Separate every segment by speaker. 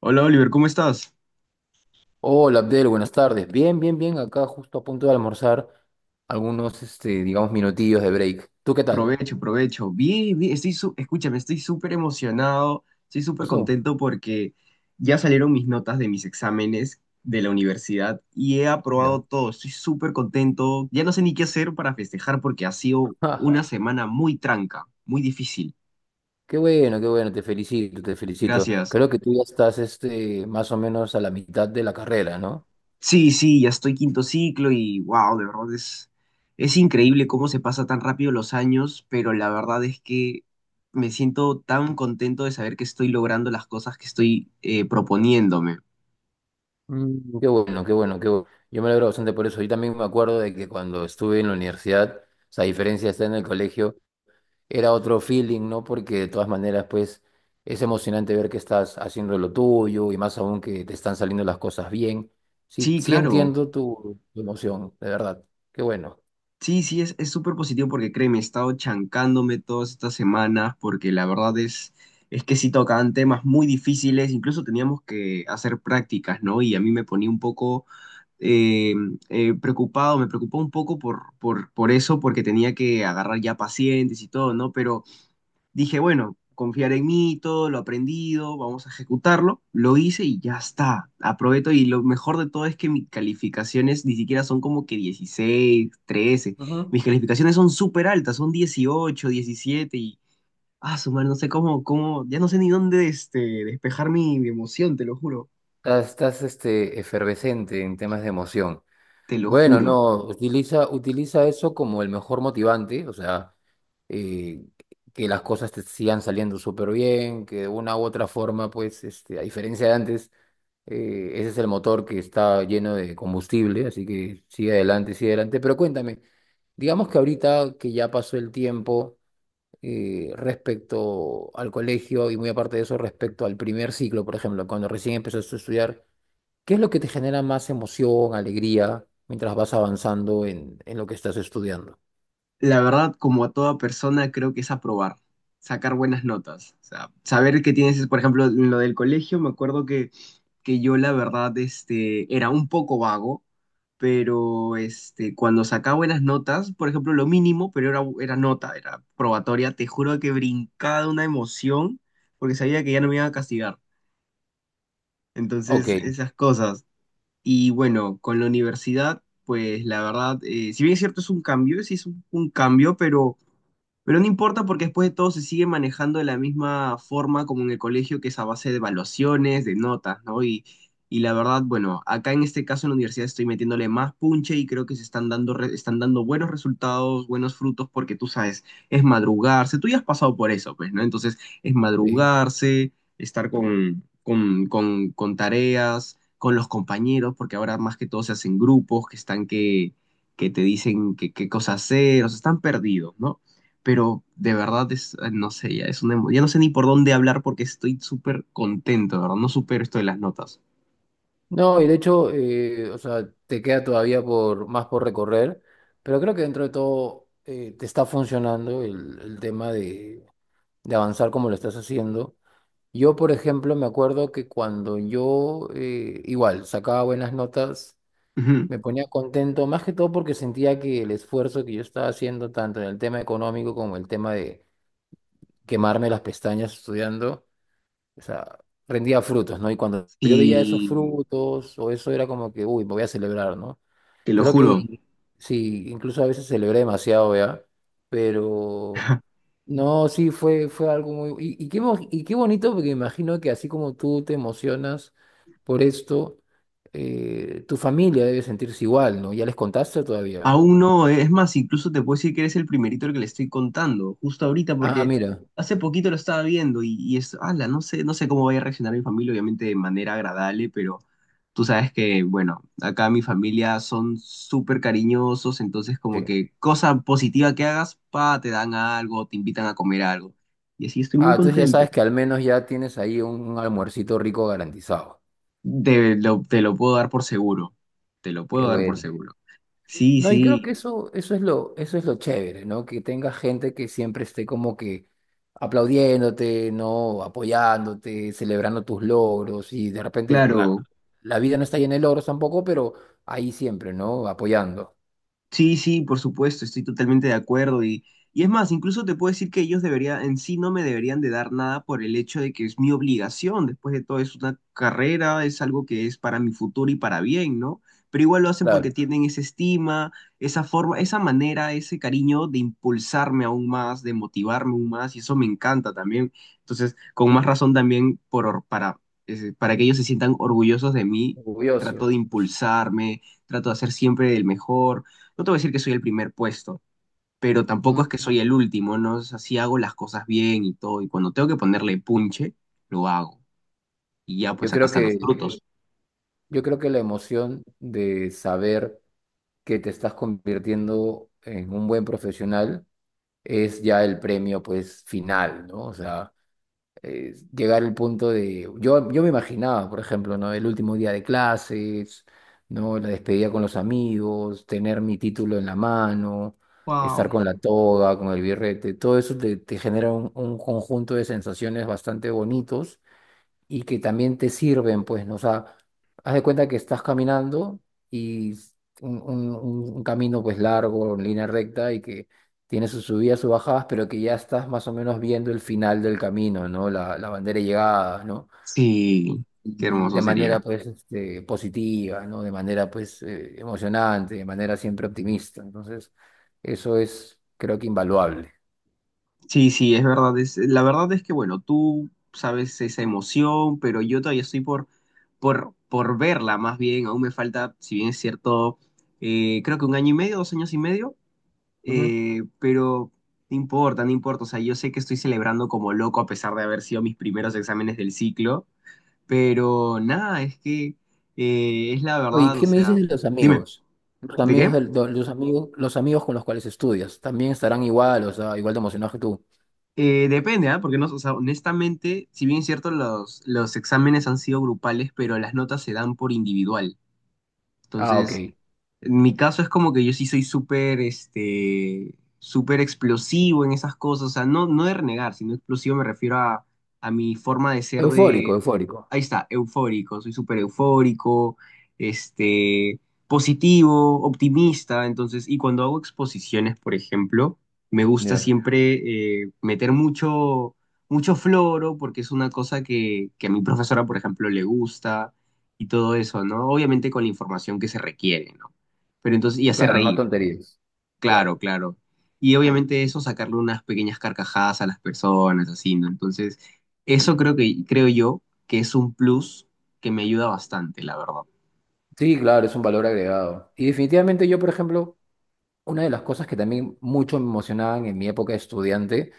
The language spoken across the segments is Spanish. Speaker 1: Hola Oliver, ¿cómo estás?
Speaker 2: Hola Abdel, buenas tardes. Bien, bien, bien. Acá justo a punto de almorzar algunos, este, digamos, minutillos de break. ¿Tú qué tal?
Speaker 1: Provecho, provecho. Bien, bien, escúchame, estoy súper emocionado, estoy
Speaker 2: ¿Qué
Speaker 1: súper
Speaker 2: pasó?
Speaker 1: contento porque ya salieron mis notas de mis exámenes de la universidad y he aprobado
Speaker 2: Ya.
Speaker 1: todo. Estoy súper contento. Ya no sé ni qué hacer para festejar porque ha sido una semana muy tranca, muy difícil.
Speaker 2: Qué bueno, qué bueno. Te felicito, te felicito.
Speaker 1: Gracias.
Speaker 2: Creo que tú ya estás, este, más o menos a la mitad de la carrera, ¿no?
Speaker 1: Sí, sí, ya estoy quinto ciclo y wow, de verdad es, increíble cómo se pasa tan rápido los años, pero la verdad es que me siento tan contento de saber que estoy logrando las cosas que estoy proponiéndome.
Speaker 2: Mm, qué bueno, qué bueno, qué bueno. Yo me alegro bastante por eso. Yo también me acuerdo de que cuando estuve en la universidad, o sea, a diferencia de estar en el colegio, era otro feeling, ¿no? Porque de todas maneras, pues, es emocionante ver que estás haciendo lo tuyo y más aún que te están saliendo las cosas bien. Sí,
Speaker 1: Sí,
Speaker 2: sí
Speaker 1: claro.
Speaker 2: entiendo tu emoción, de verdad. Qué bueno.
Speaker 1: Sí, sí, es, súper positivo porque créeme, he estado chancándome todas estas semanas porque la verdad es que sí tocaban temas muy difíciles, incluso teníamos que hacer prácticas, ¿no? Y a mí me ponía un poco eh, preocupado, me preocupó un poco por eso, porque tenía que agarrar ya pacientes y todo, ¿no? Pero dije, bueno, confiar en mí, todo lo aprendido, vamos a ejecutarlo, lo hice y ya está, aprovecho y lo mejor de todo es que mis calificaciones ni siquiera son como que 16 13.
Speaker 2: Ujú.
Speaker 1: Mis calificaciones son súper altas, son 18 17 y... Ah, su madre, no sé cómo, cómo, ya no sé ni dónde despejar mi, mi emoción, te lo juro,
Speaker 2: Estás, estás, este, efervescente en temas de emoción.
Speaker 1: te lo
Speaker 2: Bueno,
Speaker 1: juro.
Speaker 2: no, utiliza, utiliza eso como el mejor motivante, o sea, eh, que las cosas te sigan saliendo súper bien, que de una u otra forma, pues, este, a diferencia de antes, ese es el motor que está lleno de combustible, así que sigue adelante, sigue adelante. Pero cuéntame, digamos que ahorita que ya pasó el tiempo respecto al colegio y muy aparte de eso, respecto al primer ciclo, por ejemplo, cuando recién empezaste a estudiar. ¿Qué es lo que te genera más emoción, alegría, mientras vas avanzando en lo que estás estudiando?
Speaker 1: La verdad, como a toda persona, creo que es aprobar, sacar buenas notas. O sea, saber que tienes, por ejemplo, en lo del colegio, me acuerdo que yo la verdad era un poco vago, pero cuando sacaba buenas notas, por ejemplo, lo mínimo, pero era nota, era probatoria, te juro que brincaba de una emoción porque sabía que ya no me iban a castigar.
Speaker 2: Ok,
Speaker 1: Entonces, esas cosas. Y bueno, con la universidad, pues la verdad, si bien es cierto, es un cambio, sí es un cambio, pero no importa porque después de todo se sigue manejando de la misma forma como en el colegio, que es a base de evaluaciones, de notas, ¿no? Y la verdad, bueno, acá en este caso en la universidad estoy metiéndole más punche y creo que se están dando, están dando buenos resultados, buenos frutos, porque tú sabes, es madrugarse, tú ya has pasado por eso, pues, ¿no? Entonces, es
Speaker 2: sí.
Speaker 1: madrugarse, estar con tareas, con los compañeros, porque ahora más que todo se hacen grupos que están que te dicen qué cosa hacer, o sea, están perdidos, ¿no? Pero de verdad es, no sé, ya es ya no sé ni por dónde hablar porque estoy súper contento, de ¿verdad? No supero esto de las notas.
Speaker 2: No, y de hecho, o sea, te queda todavía por, más por recorrer, pero creo que dentro de todo te está funcionando el tema de avanzar como lo estás haciendo. Yo, por ejemplo, me acuerdo que cuando yo, igual, sacaba buenas notas,
Speaker 1: Ujú.
Speaker 2: me ponía contento, más que todo porque sentía que el esfuerzo que yo estaba haciendo, tanto en el tema económico como el tema de quemarme las pestañas estudiando, o sea, rendía frutos, ¿no? Y cuando yo veía esos
Speaker 1: Y
Speaker 2: frutos o eso era como que, uy, me voy a celebrar, ¿no?
Speaker 1: te lo
Speaker 2: Creo que
Speaker 1: juro,
Speaker 2: sí, incluso a veces celebré demasiado, ¿ya? Pero no, sí, fue, fue algo muy... Y, y qué, y qué bonito, porque imagino que así como tú te emocionas por esto, tu familia debe sentirse igual, ¿no? ¿Ya les contaste todavía?
Speaker 1: Aún no, es más, incluso te puedo decir que eres el primerito al que le estoy contando, justo ahorita,
Speaker 2: Ah,
Speaker 1: porque
Speaker 2: mira.
Speaker 1: hace poquito lo estaba viendo y es, ala, no sé, no sé cómo vaya a reaccionar mi familia, obviamente de manera agradable, pero tú sabes que, bueno, acá mi familia son súper cariñosos, entonces como
Speaker 2: Sí.
Speaker 1: que cosa positiva que hagas, pa, te dan algo, te invitan a comer algo. Y así estoy muy
Speaker 2: Ah, entonces ya
Speaker 1: contento.
Speaker 2: sabes que al menos ya tienes ahí un almuercito rico garantizado.
Speaker 1: Te lo puedo dar por seguro, te lo puedo
Speaker 2: Qué
Speaker 1: dar por
Speaker 2: bueno.
Speaker 1: seguro. Sí,
Speaker 2: No, y
Speaker 1: sí,
Speaker 2: creo que eso, eso es lo chévere, ¿no? Que tenga gente que siempre esté como que aplaudiéndote, ¿no? Apoyándote, celebrando tus logros y de repente, o claro,
Speaker 1: claro.
Speaker 2: la vida no está llena de logros tampoco, pero ahí siempre, ¿no? Apoyando.
Speaker 1: Sí, sí, por supuesto, estoy totalmente de acuerdo y es más, incluso te puedo decir que ellos deberían, en sí no me deberían de dar nada por el hecho de que es mi obligación, después de todo es una carrera, es algo que es para mi futuro y para bien, ¿no? Pero igual lo hacen porque
Speaker 2: Claro,
Speaker 1: tienen esa estima, esa forma, esa manera, ese cariño de impulsarme aún más, de motivarme aún más y eso me encanta también. Entonces, con más razón también por, para que ellos se sientan orgullosos de mí, trato de
Speaker 2: orgullosos.
Speaker 1: impulsarme, trato de hacer siempre el mejor. No te voy a decir que soy el primer puesto, pero tampoco es
Speaker 2: Ujú.
Speaker 1: que soy el último, ¿no? O sea, sí hago las cosas bien y todo, y cuando tengo que ponerle punche, lo hago. Y ya,
Speaker 2: Yo
Speaker 1: pues acá
Speaker 2: creo
Speaker 1: están los
Speaker 2: que,
Speaker 1: frutos.
Speaker 2: yo creo que la emoción de saber que te estás convirtiendo en un buen profesional es ya el premio, pues, final, ¿no? O sea... llegar al punto de... Yo me imaginaba, por ejemplo, ¿no? El último día de clases, ¿no? La despedida con los amigos, tener mi título en la mano, estar
Speaker 1: ¡Wow!
Speaker 2: con la toga, con el birrete, todo eso te, te genera un conjunto de sensaciones bastante bonitos y que también te sirven, pues, ¿no? O sea, haz de cuenta que estás caminando y un, un camino, pues, largo, en línea recta y que tiene sus subidas, sus bajadas, pero que ya estás más o menos viendo el final del camino, ¿no? La bandera de llegada, ¿no?
Speaker 1: Sí, qué
Speaker 2: Y
Speaker 1: hermoso
Speaker 2: de manera,
Speaker 1: sería.
Speaker 2: pues, este, positiva, ¿no? De manera, pues, emocionante, de manera siempre optimista. Entonces, eso es, creo que, invaluable.
Speaker 1: Sí, sí, es verdad. La verdad es que, bueno, tú sabes esa emoción, pero yo todavía estoy por verla, más bien. Aún me falta, si bien es cierto, creo que 1 año y medio, 2 años y medio. Pero no importa, no importa. O sea, yo sé que estoy celebrando como loco a pesar de haber sido mis primeros exámenes del ciclo, pero nada, es que es la
Speaker 2: Oye,
Speaker 1: verdad, o
Speaker 2: ¿qué me dices
Speaker 1: sea,
Speaker 2: de los
Speaker 1: dime,
Speaker 2: amigos? Los
Speaker 1: ¿de
Speaker 2: amigos,
Speaker 1: qué?
Speaker 2: los amigos, los amigos con los cuales estudias, ¿también estarán igual, o sea, igual de emocionados que tú?
Speaker 1: Depende, ¿ah? Porque no, o sea, honestamente, si bien es cierto, los exámenes han sido grupales, pero las notas se dan por individual.
Speaker 2: Ah, ok.
Speaker 1: Entonces, en mi caso es como que yo sí soy súper, súper explosivo en esas cosas, o sea, no, no de renegar, sino explosivo me refiero a mi forma de ser.
Speaker 2: Eufórico,
Speaker 1: De
Speaker 2: eufórico.
Speaker 1: ahí está, eufórico, soy súper eufórico, este, positivo, optimista, entonces, y cuando hago exposiciones, por ejemplo, me gusta
Speaker 2: Ya.
Speaker 1: siempre meter mucho, mucho floro, porque es una cosa que a mi profesora, por ejemplo, le gusta y todo eso, ¿no? Obviamente con la información que se requiere, ¿no? Pero entonces, y hacer
Speaker 2: Claro, no
Speaker 1: reír.
Speaker 2: tonterías.
Speaker 1: Claro,
Speaker 2: Claro.
Speaker 1: claro. Y obviamente eso, sacarle unas pequeñas carcajadas a las personas, así, ¿no? Entonces, eso creo que, creo yo, que es un plus que me ayuda bastante, la verdad.
Speaker 2: Sí, claro, es un valor agregado. Y definitivamente yo, por ejemplo, una de las cosas que también mucho me emocionaban en mi época de estudiante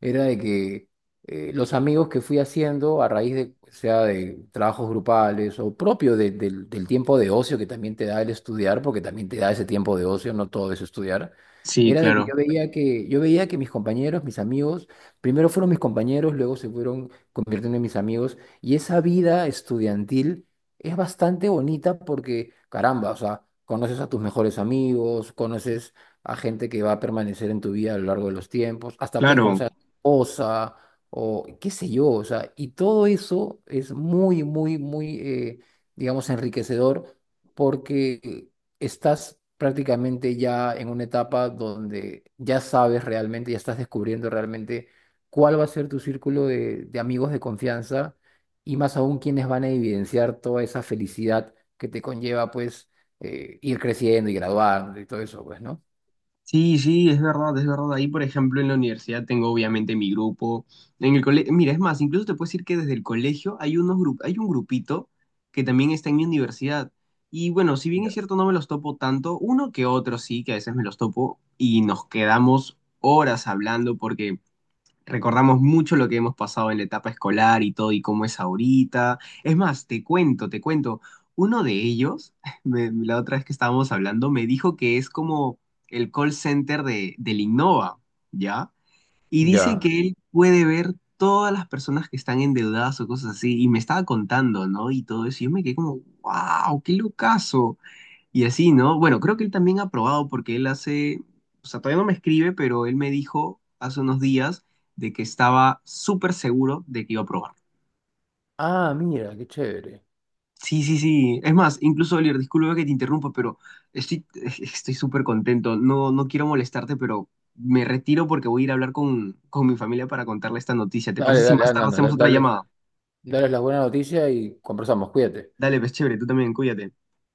Speaker 2: era de que los amigos que fui haciendo a raíz de, sea de trabajos grupales o propio del del tiempo de ocio que también te da el estudiar, porque también te da ese tiempo de ocio, no todo es estudiar,
Speaker 1: Sí,
Speaker 2: era de que
Speaker 1: claro.
Speaker 2: yo veía que, yo veía que mis compañeros, mis amigos, primero fueron mis compañeros, luego se fueron convirtiendo en mis amigos, y esa vida estudiantil es bastante bonita porque, caramba, o sea, conoces a tus mejores amigos, conoces a gente que va a permanecer en tu vida a lo largo de los tiempos, hasta puedes conocer
Speaker 1: Claro.
Speaker 2: a tu esposa o qué sé yo, o sea, y todo eso es muy, muy, muy, digamos, enriquecedor porque estás prácticamente ya en una etapa donde ya sabes realmente, ya estás descubriendo realmente cuál va a ser tu círculo de amigos de confianza y más aún quienes van a evidenciar toda esa felicidad que te conlleva, pues, ir creciendo y graduar y todo eso, pues, ¿no?
Speaker 1: Sí, sí, es verdad, es verdad. Ahí, por ejemplo, en la universidad tengo obviamente mi grupo. En el colegio, mira, es más, incluso te puedo decir que desde el colegio hay hay un grupito que también está en mi universidad. Y bueno, si bien es
Speaker 2: Ya.
Speaker 1: cierto, no me los topo tanto, uno que otro sí, que a veces me los topo y nos quedamos horas hablando porque recordamos mucho lo que hemos pasado en la etapa escolar y todo y cómo es ahorita. Es más, te cuento, te cuento. Uno de ellos, la otra vez que estábamos hablando, me dijo que es como el call center del Innova, ¿ya? Y dice
Speaker 2: Ya.
Speaker 1: que él puede ver todas las personas que están endeudadas o cosas así. Y me estaba contando, ¿no? Y todo eso. Y yo me quedé como, wow, qué locazo. Y así, ¿no? Bueno, creo que él también ha probado porque él hace, o sea, todavía no me escribe, pero él me dijo hace unos días de que estaba súper seguro de que iba a probar.
Speaker 2: Ah, mira, qué chévere.
Speaker 1: Sí, sí, sí. Es más, incluso, Oliver, disculpa que te interrumpa, pero estoy estoy súper contento. No, no quiero molestarte, pero me retiro porque voy a ir a hablar con mi familia para contarle esta noticia. ¿Te
Speaker 2: Dale,
Speaker 1: parece si
Speaker 2: dale,
Speaker 1: más
Speaker 2: anda,
Speaker 1: tarde hacemos
Speaker 2: anda,
Speaker 1: otra
Speaker 2: dale,
Speaker 1: llamada?
Speaker 2: dale las buenas noticias y conversamos, cuídate.
Speaker 1: Dale, pues chévere, tú también, cuídate.